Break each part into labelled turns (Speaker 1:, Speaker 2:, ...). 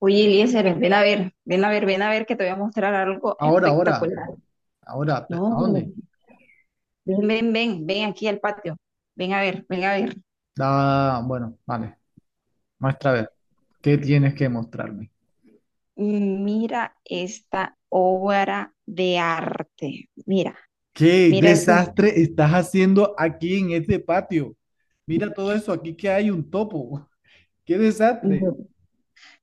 Speaker 1: Oye, Eliezer, ven a ver, ven a ver, ven a ver que te voy a mostrar algo
Speaker 2: Ahora, ahora,
Speaker 1: espectacular.
Speaker 2: ahora, ¿a
Speaker 1: No,
Speaker 2: dónde?
Speaker 1: ven, ven, ven, ven aquí al patio. Ven a ver, ven a ver.
Speaker 2: Da, bueno, vale, muestra a ver, ¿qué tienes que mostrarme?
Speaker 1: Mira esta obra de arte. Mira,
Speaker 2: ¿Qué
Speaker 1: mira eso.
Speaker 2: desastre estás haciendo aquí en este patio? Mira todo eso, aquí que hay un topo. ¡Qué desastre!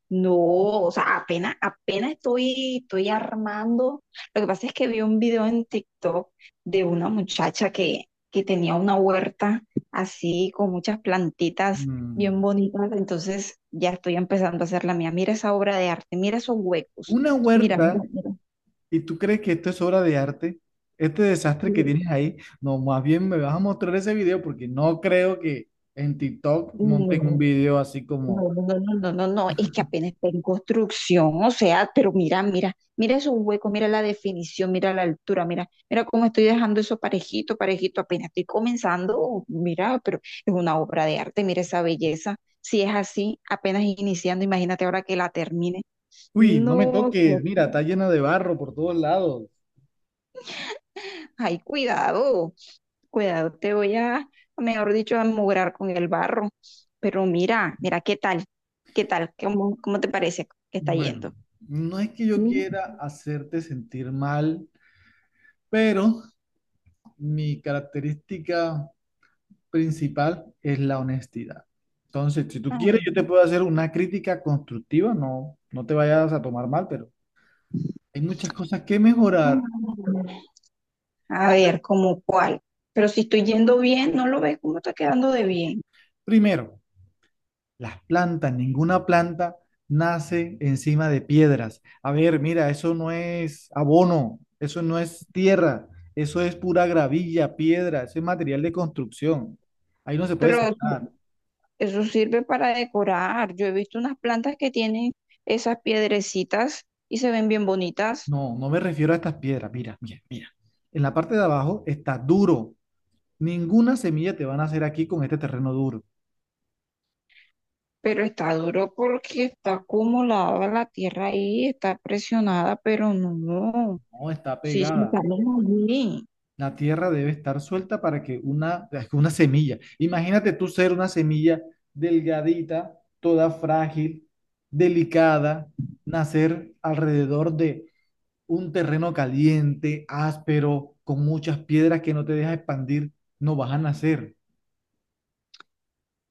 Speaker 1: No, o sea, apenas estoy armando. Lo que pasa es que vi un video en TikTok de una muchacha que tenía una huerta así con muchas plantitas
Speaker 2: Mm,
Speaker 1: bien bonitas. Entonces ya estoy empezando a hacer la mía. Mira esa obra de arte, mira esos huecos.
Speaker 2: Una
Speaker 1: Mira,
Speaker 2: huerta,
Speaker 1: mira,
Speaker 2: ¿y tú crees que esto es obra de arte? Este desastre que
Speaker 1: mira.
Speaker 2: tienes ahí, no, más bien me vas a mostrar ese video porque no creo que en TikTok monten un
Speaker 1: No,
Speaker 2: video así como,
Speaker 1: no, no, no, no, no, no, no, es que apenas está en construcción, o sea, pero mira, mira, mira esos huecos, mira la definición, mira la altura, mira, mira cómo estoy dejando eso parejito, parejito, apenas estoy comenzando, mira, pero es una obra de arte, mira esa belleza, si es así, apenas iniciando, imagínate ahora que la termine.
Speaker 2: uy, no me
Speaker 1: No, Dios
Speaker 2: toques, mira,
Speaker 1: mío.
Speaker 2: está llena de barro por todos lados.
Speaker 1: Ay, cuidado, cuidado, mejor dicho, a mugrar con el barro, pero mira, mira qué tal, qué tal, cómo te parece que está
Speaker 2: Bueno,
Speaker 1: yendo.
Speaker 2: no es que yo quiera hacerte sentir mal, pero mi característica principal es la honestidad. Entonces, si tú
Speaker 1: A
Speaker 2: quieres, yo te puedo hacer una crítica constructiva, no, no te vayas a tomar mal, pero hay muchas cosas que mejorar.
Speaker 1: ver, ¿como cuál? Pero si estoy yendo bien, ¿no lo ves cómo está quedando de bien?
Speaker 2: Primero, las plantas, ninguna planta nace encima de piedras. A ver, mira, eso no es abono, eso no es tierra, eso es pura gravilla, piedra, eso es material de construcción. Ahí no se puede
Speaker 1: Pero eso,
Speaker 2: sentar.
Speaker 1: eso sirve para decorar. Yo he visto unas plantas que tienen esas piedrecitas y se ven bien bonitas,
Speaker 2: No, no me refiero a estas piedras. Mira, mira, mira. En la parte de abajo está duro. Ninguna semilla te van a hacer aquí con este terreno duro.
Speaker 1: pero está duro porque está acumulada la tierra ahí, está presionada, pero no.
Speaker 2: No, está
Speaker 1: Sí, sí,
Speaker 2: pegada.
Speaker 1: salen allí,
Speaker 2: La tierra debe estar suelta para que una, es que una semilla, imagínate tú ser una semilla delgadita, toda frágil, delicada, nacer alrededor de un terreno caliente, áspero, con muchas piedras que no te deja expandir, no vas a nacer.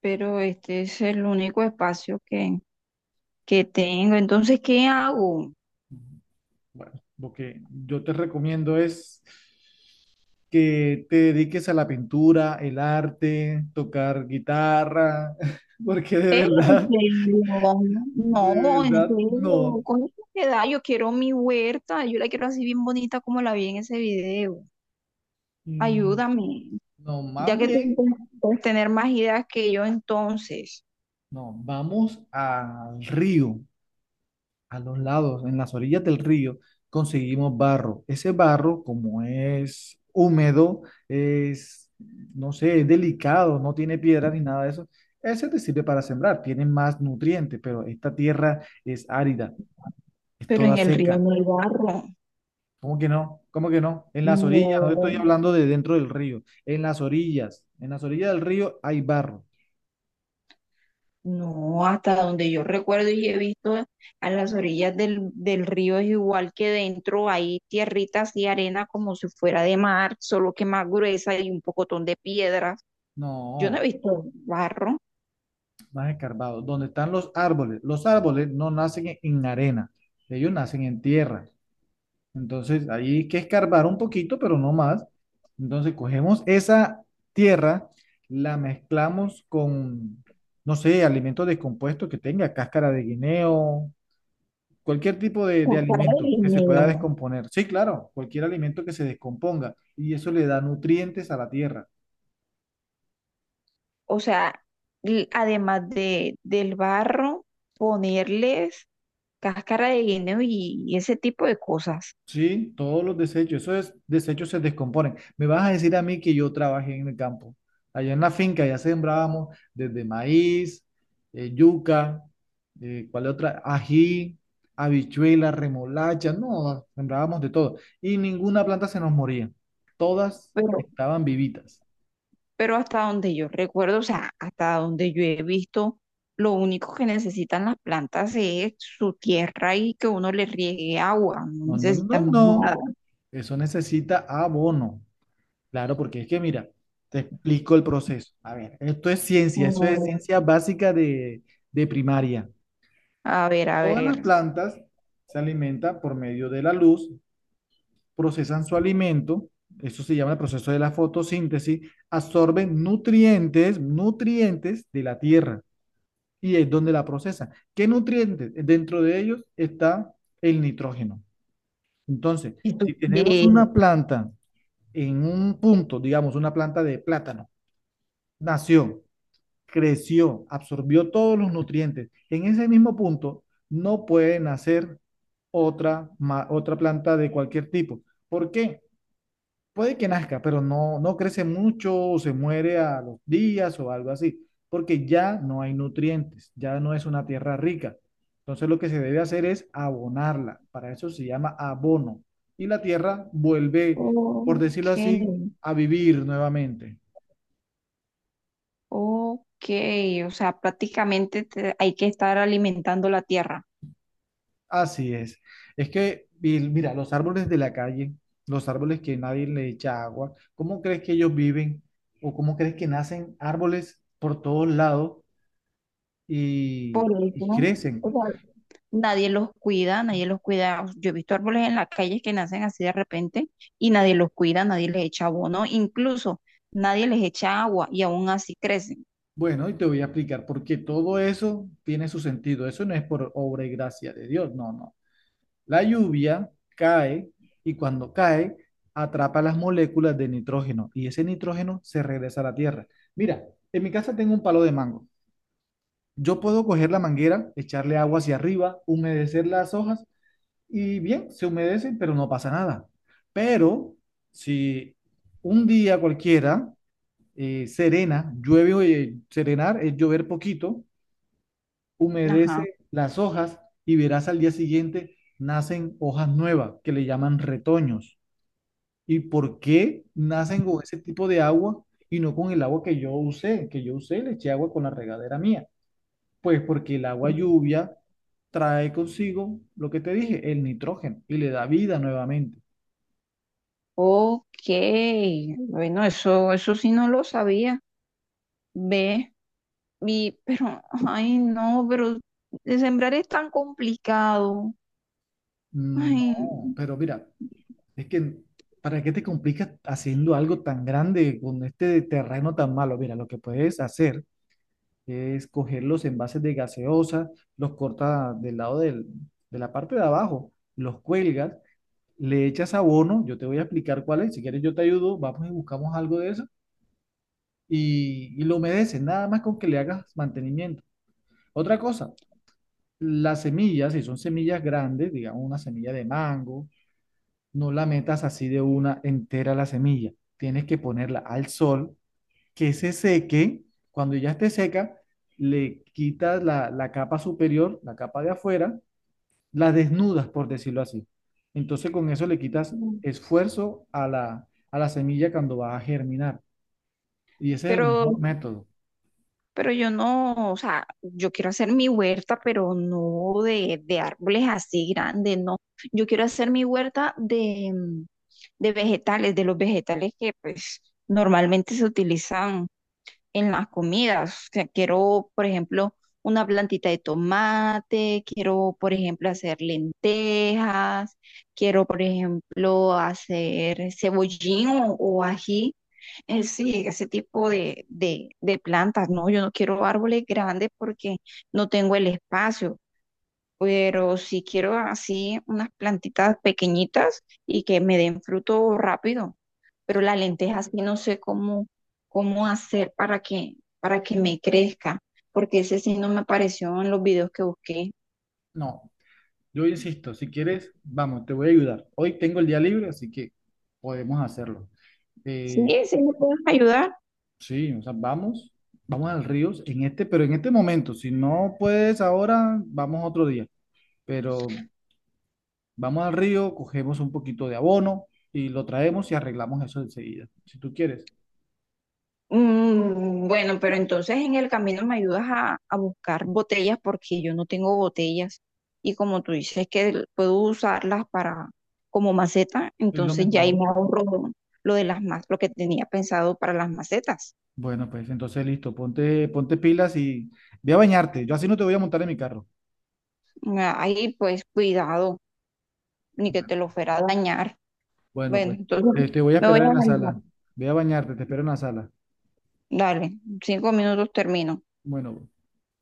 Speaker 1: pero este es el único espacio que tengo. Entonces, ¿qué hago?
Speaker 2: Bueno, lo que yo te recomiendo es que te dediques a la pintura, el arte, tocar guitarra, porque
Speaker 1: ¿Eh? ¿En serio?
Speaker 2: de
Speaker 1: No, en
Speaker 2: verdad,
Speaker 1: serio,
Speaker 2: no.
Speaker 1: con esa edad yo quiero mi huerta, yo la quiero así bien bonita como la vi en ese video.
Speaker 2: Mm,
Speaker 1: Ayúdame,
Speaker 2: No,
Speaker 1: ya
Speaker 2: más
Speaker 1: que
Speaker 2: bien,
Speaker 1: tú puedes tener más ideas que yo entonces,
Speaker 2: no, vamos al río, a los lados, en las orillas del río, conseguimos barro. Ese barro, como es húmedo, es, no sé, es delicado, no tiene piedra ni nada de eso. Ese te sirve para sembrar, tiene más nutrientes, pero esta tierra es árida, es
Speaker 1: pero
Speaker 2: toda
Speaker 1: en el río
Speaker 2: seca.
Speaker 1: no hay barro.
Speaker 2: ¿Cómo que no? ¿Cómo que no? En las orillas, no estoy
Speaker 1: No,
Speaker 2: hablando de dentro del río, en las orillas del río hay barro.
Speaker 1: no, hasta donde yo recuerdo y he visto a las orillas del río es igual que dentro hay tierritas y arena como si fuera de mar, solo que más gruesa y un pocotón de piedras. Yo no he
Speaker 2: No,
Speaker 1: visto barro.
Speaker 2: más escarbado. Donde están los árboles. Los árboles no nacen en arena, ellos nacen en tierra. Entonces, ahí hay que escarbar un poquito, pero no más. Entonces, cogemos esa tierra, la mezclamos con, no sé, alimentos descompuestos que tenga, cáscara de guineo, cualquier tipo de
Speaker 1: Ay,
Speaker 2: alimento
Speaker 1: Dios
Speaker 2: que se pueda
Speaker 1: mío.
Speaker 2: descomponer. Sí, claro, cualquier alimento que se descomponga. Y eso le da nutrientes a la tierra.
Speaker 1: O sea, además del barro, ponerles cáscara de guineo y ese tipo de cosas.
Speaker 2: Sí, todos los desechos, esos desechos se descomponen. Me vas a decir a mí que yo trabajé en el campo. Allá en la finca ya sembrábamos desde maíz, yuca, ¿cuál otra? Ají, habichuela, remolacha, no, sembrábamos de todo. Y ninguna planta se nos moría. Todas
Speaker 1: Pero,
Speaker 2: estaban vivitas.
Speaker 1: pero hasta donde yo recuerdo, o sea, hasta donde yo he visto, lo único que necesitan las plantas es su tierra y que uno le riegue agua, no
Speaker 2: No, no, no,
Speaker 1: necesitan más nada.
Speaker 2: no. Eso necesita abono. Claro, porque es que mira, te explico el proceso. A ver, esto es ciencia, eso es
Speaker 1: Mm,
Speaker 2: ciencia básica de primaria.
Speaker 1: A ver, a
Speaker 2: Todas
Speaker 1: ver.
Speaker 2: las plantas se alimentan por medio de la luz, procesan su alimento, eso se llama el proceso de la fotosíntesis, absorben nutrientes, nutrientes de la tierra y es donde la procesan. ¿Qué nutrientes? Dentro de ellos está el nitrógeno. Entonces,
Speaker 1: Esto,
Speaker 2: si
Speaker 1: tú?
Speaker 2: tenemos una planta en un punto, digamos, una planta de plátano, nació, creció, absorbió todos los nutrientes. En ese mismo punto no puede nacer otra, otra planta de cualquier tipo. ¿Por qué? Puede que nazca, pero no, no crece mucho o se muere a los días o algo así, porque ya no hay nutrientes, ya no es una tierra rica. Entonces lo que se debe hacer es abonarla. Para eso se llama abono. Y la tierra vuelve, por decirlo
Speaker 1: Ok.
Speaker 2: así, a vivir nuevamente.
Speaker 1: Ok, o sea, prácticamente te- hay que estar alimentando la tierra.
Speaker 2: Así es. Es que, Bill, mira, los árboles de la calle, los árboles que nadie le echa agua, ¿cómo crees que ellos viven? ¿O cómo crees que nacen árboles por todos lados
Speaker 1: Por eso,
Speaker 2: y
Speaker 1: o
Speaker 2: crecen?
Speaker 1: sea, nadie los cuida, nadie los cuida. Yo he visto árboles en las calles que nacen así de repente y nadie los cuida, nadie les echa abono, incluso nadie les echa agua y aún así crecen.
Speaker 2: Bueno, y te voy a explicar, porque todo eso tiene su sentido. Eso no es por obra y gracia de Dios, no, no. La lluvia cae y cuando cae atrapa las moléculas de nitrógeno y ese nitrógeno se regresa a la tierra. Mira, en mi casa tengo un palo de mango. Yo puedo coger la manguera, echarle agua hacia arriba, humedecer las hojas y bien, se humedecen, pero no pasa nada. Pero si un día cualquiera, serena, llueve, o, serenar es llover poquito,
Speaker 1: Ajá.
Speaker 2: humedece las hojas y verás al día siguiente nacen hojas nuevas que le llaman retoños. ¿Y por qué nacen con ese tipo de agua y no con el agua que yo usé? Que yo usé, le eché agua con la regadera mía. Pues porque el agua lluvia trae consigo lo que te dije, el nitrógeno, y le da vida nuevamente.
Speaker 1: Ok, bueno, eso sí no lo sabía. Ve, y, pero, ay, no, pero de sembrar es tan complicado.
Speaker 2: No,
Speaker 1: Ay.
Speaker 2: pero mira, es que ¿para qué te complicas haciendo algo tan grande con este terreno tan malo? Mira, lo que puedes hacer es coger los envases de gaseosa, los cortas del lado de la parte de abajo, los cuelgas, le echas abono, yo te voy a explicar cuál es, si quieres yo te ayudo, vamos y buscamos algo de eso, y lo humedeces, nada más con que le hagas mantenimiento. Otra cosa, las semillas, si son semillas grandes, digamos una semilla de mango, no la metas así de una entera la semilla. Tienes que ponerla al sol, que se seque. Cuando ya esté seca, le quitas la, la capa superior, la capa de afuera, la desnudas, por decirlo así. Entonces con eso le quitas
Speaker 1: No.
Speaker 2: esfuerzo a la semilla cuando va a germinar. Y ese es el
Speaker 1: Pero,
Speaker 2: mejor método.
Speaker 1: pero yo no, o sea, yo quiero hacer mi huerta, pero no de, de árboles así grandes, no. Yo quiero hacer mi huerta de, de vegetales, de los vegetales que pues normalmente se utilizan en las comidas. O sea, quiero, por ejemplo, una plantita de tomate, quiero, por ejemplo, hacer lentejas, quiero, por ejemplo, hacer cebollín o ají. Sí, ese tipo de plantas, ¿no? Yo no quiero árboles grandes porque no tengo el espacio, pero si quiero así unas plantitas pequeñitas y que me den fruto rápido. Pero la lenteja sí no sé cómo, cómo hacer para que me crezca, porque ese sí no me apareció en los videos que busqué.
Speaker 2: No, yo insisto, si quieres, vamos, te voy a ayudar. Hoy tengo el día libre, así que podemos hacerlo.
Speaker 1: Sí,
Speaker 2: Eh,
Speaker 1: sí me puedes ayudar.
Speaker 2: sí, o sea, vamos, vamos al río en este, pero en este momento, si no puedes ahora, vamos otro día. Pero vamos al río, cogemos un poquito de abono y lo traemos y arreglamos eso enseguida. Si tú quieres,
Speaker 1: Mm, bueno, pero entonces en el camino me ayudas a buscar botellas porque yo no tengo botellas y como tú dices que l- puedo usarlas para como maceta,
Speaker 2: es lo
Speaker 1: entonces ya ahí
Speaker 2: mejor.
Speaker 1: me ahorro lo de las más, lo que tenía pensado para las macetas.
Speaker 2: Bueno, pues entonces listo, ponte, ponte pilas y ve a bañarte. Yo así no te voy a montar en mi carro.
Speaker 1: Ah, ahí pues cuidado, ni que te lo fuera a dañar.
Speaker 2: Bueno,
Speaker 1: Bueno,
Speaker 2: pues
Speaker 1: entonces
Speaker 2: te voy a
Speaker 1: me voy
Speaker 2: esperar en
Speaker 1: a
Speaker 2: la
Speaker 1: bañar.
Speaker 2: sala. Ve a bañarte, te espero en la sala.
Speaker 1: Dale, 5 minutos termino.
Speaker 2: Bueno.